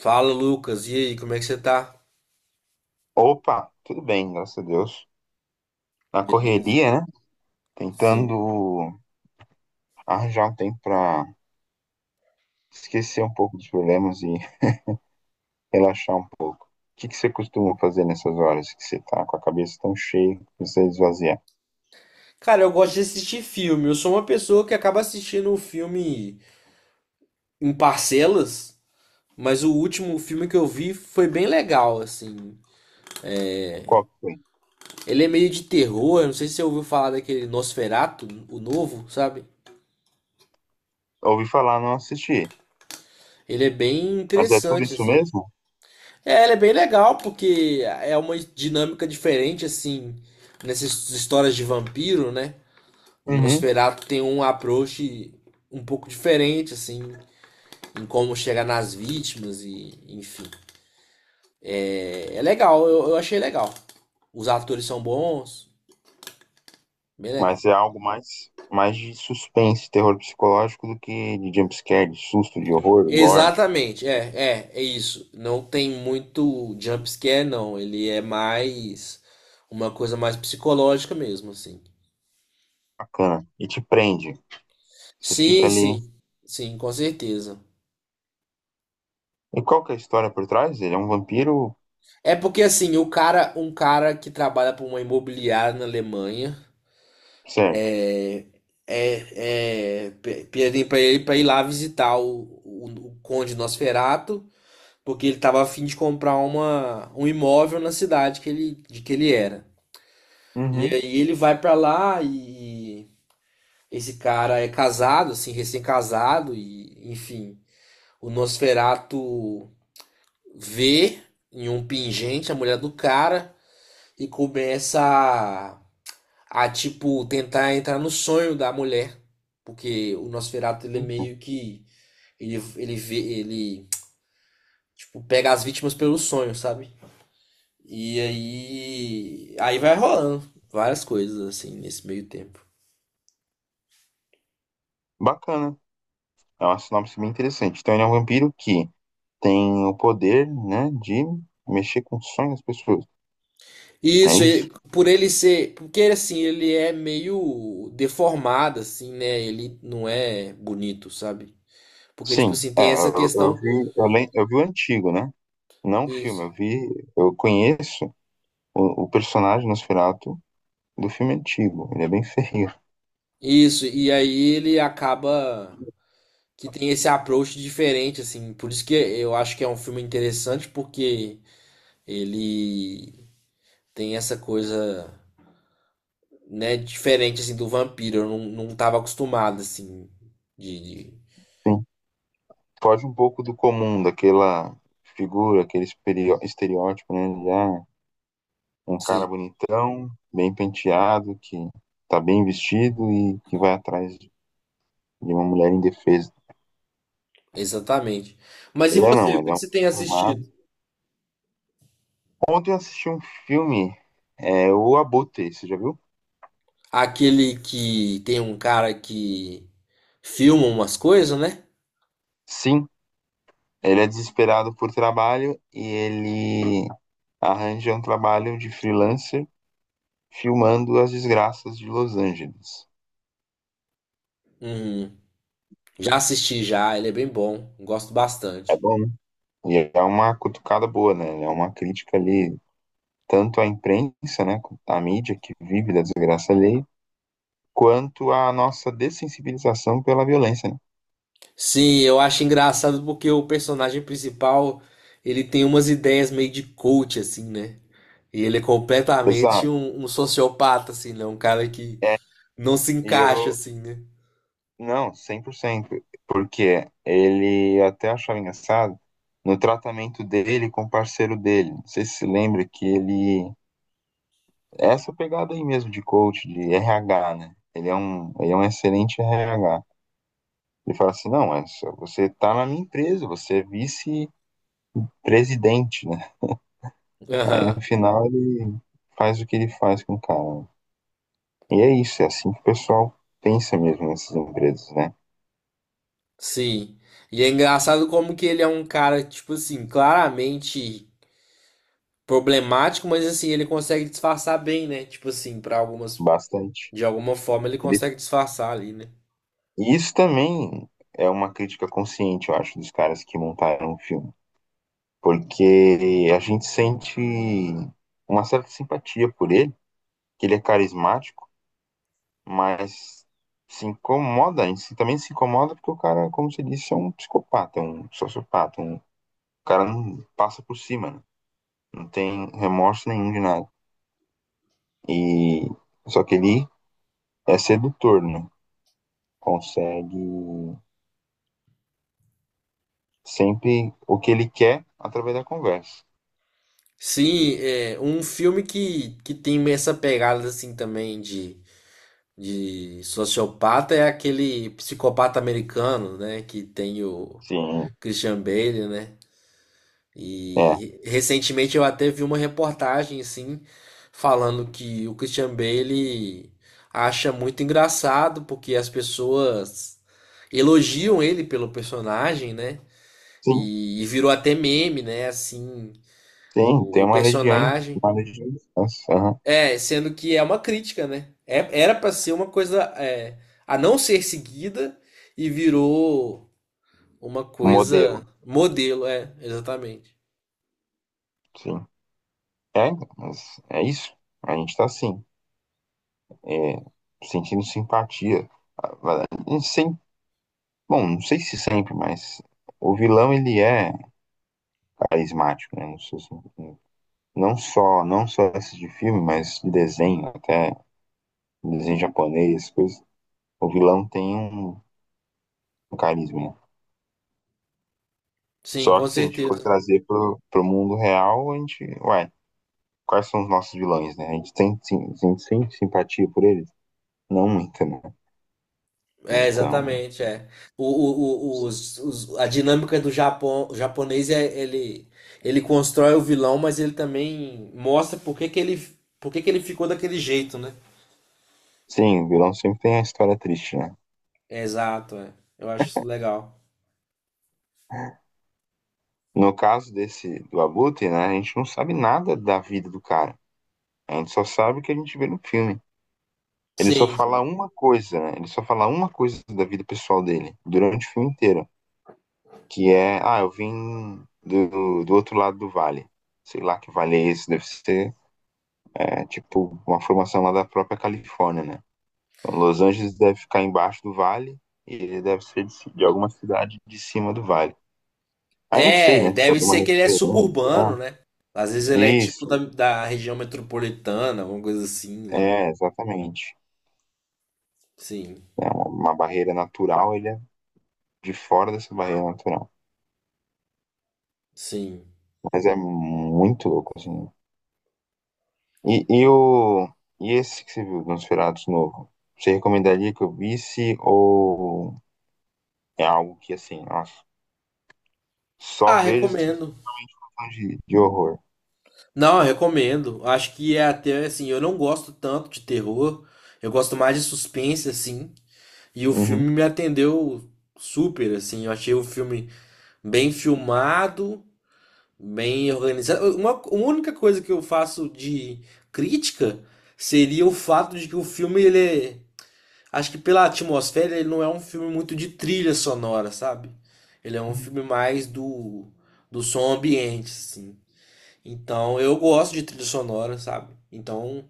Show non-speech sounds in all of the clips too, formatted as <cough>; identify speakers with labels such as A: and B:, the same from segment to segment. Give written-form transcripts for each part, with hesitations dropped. A: Fala, Lucas. E aí, como é que você tá?
B: Opa, tudo bem, graças a Deus. Na
A: Beleza.
B: correria, né?
A: Sim.
B: Tentando arranjar um tempo pra esquecer um pouco dos problemas e <laughs> relaxar um pouco. O que você costuma fazer nessas horas que você tá com a cabeça tão cheia, que você esvazia?
A: Cara, eu gosto de assistir filme. Eu sou uma pessoa que acaba assistindo o filme em parcelas, mas o último filme que eu vi foi bem legal, assim.
B: Qual que foi?
A: Ele é meio de terror, eu não sei se você ouviu falar daquele Nosferatu, o novo, sabe?
B: Ouvi falar, não assisti.
A: Ele é bem
B: Mas é tudo
A: interessante,
B: isso
A: assim.
B: mesmo?
A: É, ele é bem legal porque é uma dinâmica diferente, assim, nessas histórias de vampiro, né? O
B: Uhum.
A: Nosferatu tem um approach um pouco diferente, assim, em como chegar nas vítimas e, enfim. É, é legal, eu achei legal. Os atores são bons, bem legal.
B: Mas é algo mais de suspense, terror psicológico do que de jumpscare, de susto, de horror, gore.
A: Exatamente, é, é, é isso. Não tem muito jump scare, não. Ele é mais uma coisa mais psicológica mesmo, assim.
B: Bacana. E te prende. Você fica
A: Sim,
B: ali.
A: sim, sim, com certeza.
B: E qual que é a história por trás? Ele é um vampiro?
A: É porque assim, o cara, um cara que trabalha para uma imobiliária na Alemanha.
B: Certo.
A: Pedi pra ele pra ir lá visitar o Conde Nosferato, porque ele estava a fim de comprar um imóvel na cidade que de que ele era. E
B: Uhum.
A: aí ele vai para lá e esse cara é casado, assim, recém-casado, e enfim, o Nosferato vê em um pingente a mulher do cara e começa a tipo tentar entrar no sonho da mulher, porque o Nosferatu ele é
B: Eita.
A: meio que ele vê, ele tipo pega as vítimas pelo sonho, sabe? E aí vai rolando várias coisas assim nesse meio tempo.
B: Bacana. É uma sinopse bem interessante. Então, ele é um vampiro que tem o poder, né, de mexer com os sonhos das pessoas.
A: E
B: É
A: isso,
B: isso?
A: por ele ser, porque assim, ele é meio deformado assim, né? Ele não é bonito, sabe? Porque tipo
B: Sim.
A: assim,
B: É,
A: tem essa
B: eu
A: questão.
B: vi, eu vi o antigo, né? Não o filme.
A: Isso.
B: Eu vi, eu conheço o personagem Nosferatu do filme antigo. Ele é bem feio.
A: Isso, e aí ele acaba que tem esse approach diferente, assim. Por isso que eu acho que é um filme interessante, porque ele tem essa coisa, né, diferente, assim, do vampiro. Eu não, não tava acostumado, assim, de... de...
B: Sim. Foge um pouco do comum, daquela figura, aquele estereótipo, né? De, ah, um cara
A: Sim,
B: bonitão, bem penteado, que tá bem vestido e que vai atrás de uma mulher indefesa.
A: exatamente. Mas e
B: Ele é
A: você,
B: não,
A: o
B: ele
A: que
B: é
A: que
B: um
A: você tem
B: formado.
A: assistido?
B: Ontem eu assisti um filme, é, O Abutre, você já viu?
A: Aquele que tem um cara que filma umas coisas, né?
B: Sim, ele é desesperado por trabalho e ele arranja um trabalho de freelancer filmando as desgraças de Los Angeles.
A: Uhum. Já assisti já, ele é bem bom, gosto
B: É
A: bastante.
B: bom, né? E é uma cutucada boa, né? É uma crítica ali, tanto à imprensa, né, à mídia que vive da desgraça alheia, quanto à nossa dessensibilização pela violência, né?
A: Sim, eu acho engraçado porque o personagem principal, ele tem umas ideias meio de coach, assim, né? E ele é completamente
B: Exato.
A: um sociopata, assim, né? Um cara que
B: É,
A: não se
B: e
A: encaixa,
B: eu,
A: assim, né?
B: não, cem por cento. Porque ele eu até achava engraçado no tratamento dele com o parceiro dele. Não sei se se lembra que ele. Essa pegada aí mesmo de coach, de RH, né? Ele é um excelente RH. Ele fala assim: não, mas você tá na minha empresa, você é vice-presidente, né? Aí no
A: Aham,
B: final ele faz o que ele faz com o cara. E é isso, é assim que o pessoal pensa mesmo nessas empresas, né?
A: sim. E é engraçado como que ele é um cara, tipo assim, claramente problemático, mas assim, ele consegue disfarçar bem, né? Tipo assim, pra algumas,
B: Bastante.
A: de alguma forma ele consegue disfarçar ali, né?
B: E isso também é uma crítica consciente, eu acho, dos caras que montaram o filme. Porque a gente sente uma certa simpatia por ele, que ele é carismático, mas se incomoda, a gente também se incomoda porque o cara, como você disse, é um psicopata, um sociopata, um o cara não passa por cima, né? Não tem remorso nenhum de nada. E só que ele é sedutor, né? Consegue sempre o que ele quer através da conversa.
A: Sim, é um filme que tem essa pegada, assim, também de sociopata é aquele psicopata americano, né? Que tem o
B: Sim.
A: Christian Bale, né?
B: É,
A: E recentemente eu até vi uma reportagem, assim, falando que o Christian Bale acha muito engraçado porque as pessoas elogiam ele pelo personagem, né?
B: sim,
A: E virou até meme, né? Assim,
B: sim, tem
A: o personagem.
B: uma legião de fãs. Aham.
A: É, sendo que é uma crítica, né? É- era pra ser uma coisa é, a não ser seguida e virou uma
B: Um modelo,
A: coisa modelo, é, exatamente.
B: sim. É, mas é isso. A gente tá assim, é, sentindo simpatia. A- a gente bom, não sei se sempre, mas o vilão ele é carismático, né? Não sei se- Não só, não só esse de filme, mas de desenho, até desenho japonês, coisas. O vilão tem um, um carisma, né?
A: Sim,
B: Só
A: com
B: que se a gente for
A: certeza.
B: trazer pro mundo real, a gente, ué, quais são os nossos vilões, né? A gente tem, sim, a gente sente simpatia por eles? Não muita, né?
A: É,
B: Então,
A: exatamente, é. A dinâmica do Japão, o japonês é ele constrói o vilão, mas ele também mostra por que que ele ficou daquele jeito, né?
B: sim, o vilão sempre tem a história triste, né?
A: Exato, é. Eu acho isso legal.
B: No caso desse do Abutre, né, a gente não sabe nada da vida do cara. A gente só sabe o que a gente vê no filme. Ele só fala
A: Sim.
B: uma coisa, né? Ele só fala uma coisa da vida pessoal dele durante o filme inteiro, que é, ah, eu vim do outro lado do vale. Sei lá que vale é esse, deve ser, é, tipo, uma formação lá da própria Califórnia, né? Então, Los Angeles deve ficar embaixo do vale e ele deve ser de alguma cidade de cima do vale. Aí não sei,
A: É,
B: né? Se é
A: deve
B: alguma
A: ser que ele é
B: referência. Ah,
A: suburbano, né? Às vezes ele é tipo
B: isso,
A: da região metropolitana, alguma coisa assim, né?
B: é, exatamente.
A: Sim,
B: É uma barreira natural, ele é de fora dessa barreira natural.
A: sim.
B: Mas é muito louco, assim. E, e, o, e esse que você viu, Nosferatu novo? Você recomendaria que eu visse ou é algo que, assim, nossa, só
A: Ah,
B: vejo se você
A: recomendo.
B: for fã de horror?
A: Não, eu recomendo. Acho que é até assim, eu não gosto tanto de terror. Eu gosto mais de suspense, assim. E o filme
B: Uhum.
A: me atendeu super, assim. Eu achei o filme bem filmado, bem organizado. Uma, a única coisa que eu faço de crítica seria o fato de que o filme ele é. Acho que pela atmosfera ele não é um filme muito de trilha sonora, sabe? Ele é um
B: Uhum.
A: filme mais do som ambiente, assim. Então eu gosto de trilha sonora, sabe? Então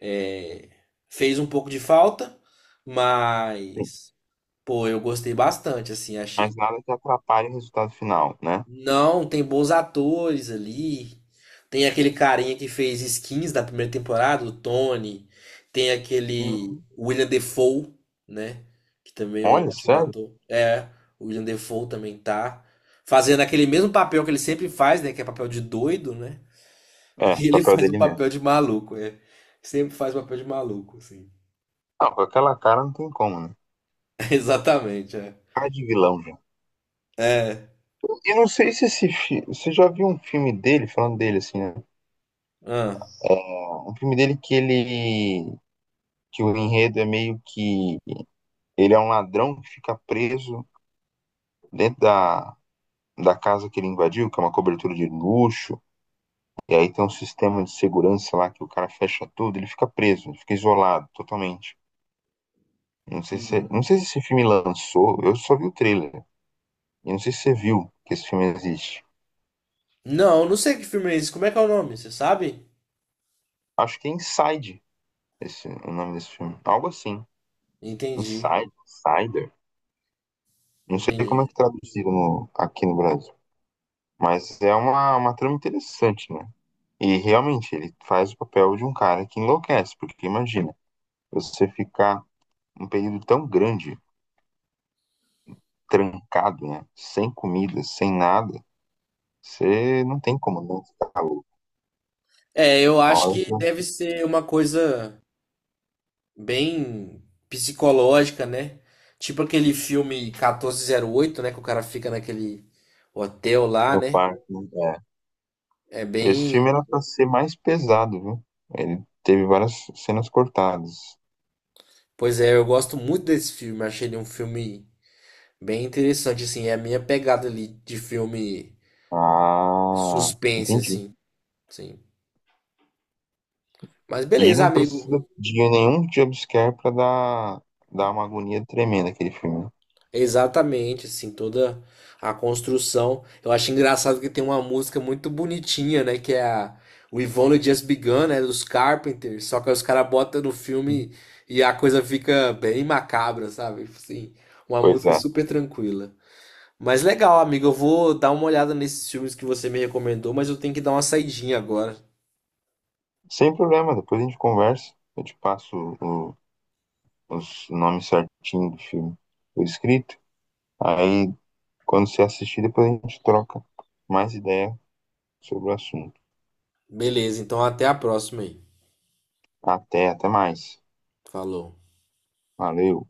A: é, fez um pouco de falta, mas pô, eu gostei bastante, assim, achei.
B: Mas nada que atrapalhe o resultado final, né?
A: Não, tem bons atores ali. Tem aquele carinha que fez Skins da primeira temporada, o Tony. Tem aquele
B: Uhum.
A: William Defoe, né? Que também é um
B: Olha,
A: ótimo
B: sério?
A: ator. É, o William Defoe também tá. Fazendo aquele mesmo papel que ele sempre faz, né? Que é papel de doido, né? <laughs>
B: É,
A: E ele
B: papel
A: faz um
B: dele mesmo.
A: papel de maluco, é. Sempre faz papel de maluco, assim.
B: Não, com aquela cara não tem como, né?
A: <laughs> Exatamente, é.
B: Cara de vilão já.
A: É.
B: Eu não sei se esse você já viu um filme dele, falando dele assim, né?
A: Ah.
B: Um filme dele que ele que o enredo é meio que ele é um ladrão que fica preso dentro da casa que ele invadiu, que é uma cobertura de luxo, e aí tem um sistema de segurança lá que o cara fecha tudo, ele fica preso, ele fica isolado totalmente.
A: Uhum.
B: Não sei se esse filme lançou, eu só vi o trailer. E não sei se você viu que esse filme existe.
A: Não, não sei que filme é esse. Como é que é o nome? Você sabe?
B: Acho que é Inside, esse, o nome desse filme. Algo assim.
A: Entendi.
B: Inside, Insider. Não sei como é
A: Entendi.
B: que traduziram aqui no Brasil. Mas é uma trama interessante, né? E realmente, ele faz o papel de um cara que enlouquece, porque imagina, você ficar um período tão grande, trancado, né? Sem comida, sem nada, você não tem como não ficar louco.
A: É, eu
B: Uma
A: acho
B: hora
A: que
B: tá
A: deve ser uma coisa bem psicológica, né? Tipo aquele filme 1408, né? Que o cara fica naquele hotel lá,
B: no
A: né?
B: parque, né? É.
A: É
B: Esse filme
A: bem.
B: era pra ser mais pesado, viu? Ele teve várias cenas cortadas.
A: Pois é, eu gosto muito desse filme. Achei ele um filme bem interessante, assim. É a minha pegada ali de filme
B: Ah,
A: suspense,
B: entendi.
A: assim. Sim. Mas
B: E
A: beleza,
B: não
A: amigo.
B: precisa de nenhum jumpscare pra dar uma agonia tremenda aquele filme. Né?
A: Exatamente, assim, toda a construção. Eu acho engraçado que tem uma música muito bonitinha, né? Que é a We've Only Just Begun, né? Dos Carpenters. Só que aí os caras botam no
B: Sim.
A: filme e a coisa fica bem macabra, sabe? Assim, uma
B: Pois
A: música
B: é.
A: super tranquila. Mas legal, amigo. Eu vou dar uma olhada nesses filmes que você me recomendou, mas eu tenho que dar uma saidinha agora.
B: Sem problema, depois a gente conversa. Eu te passo o, os nomes certinhos do filme por escrito. Aí, quando você assistir, depois a gente troca mais ideia sobre o assunto.
A: Beleza, então até a próxima aí.
B: Até, até mais.
A: Falou.
B: Valeu.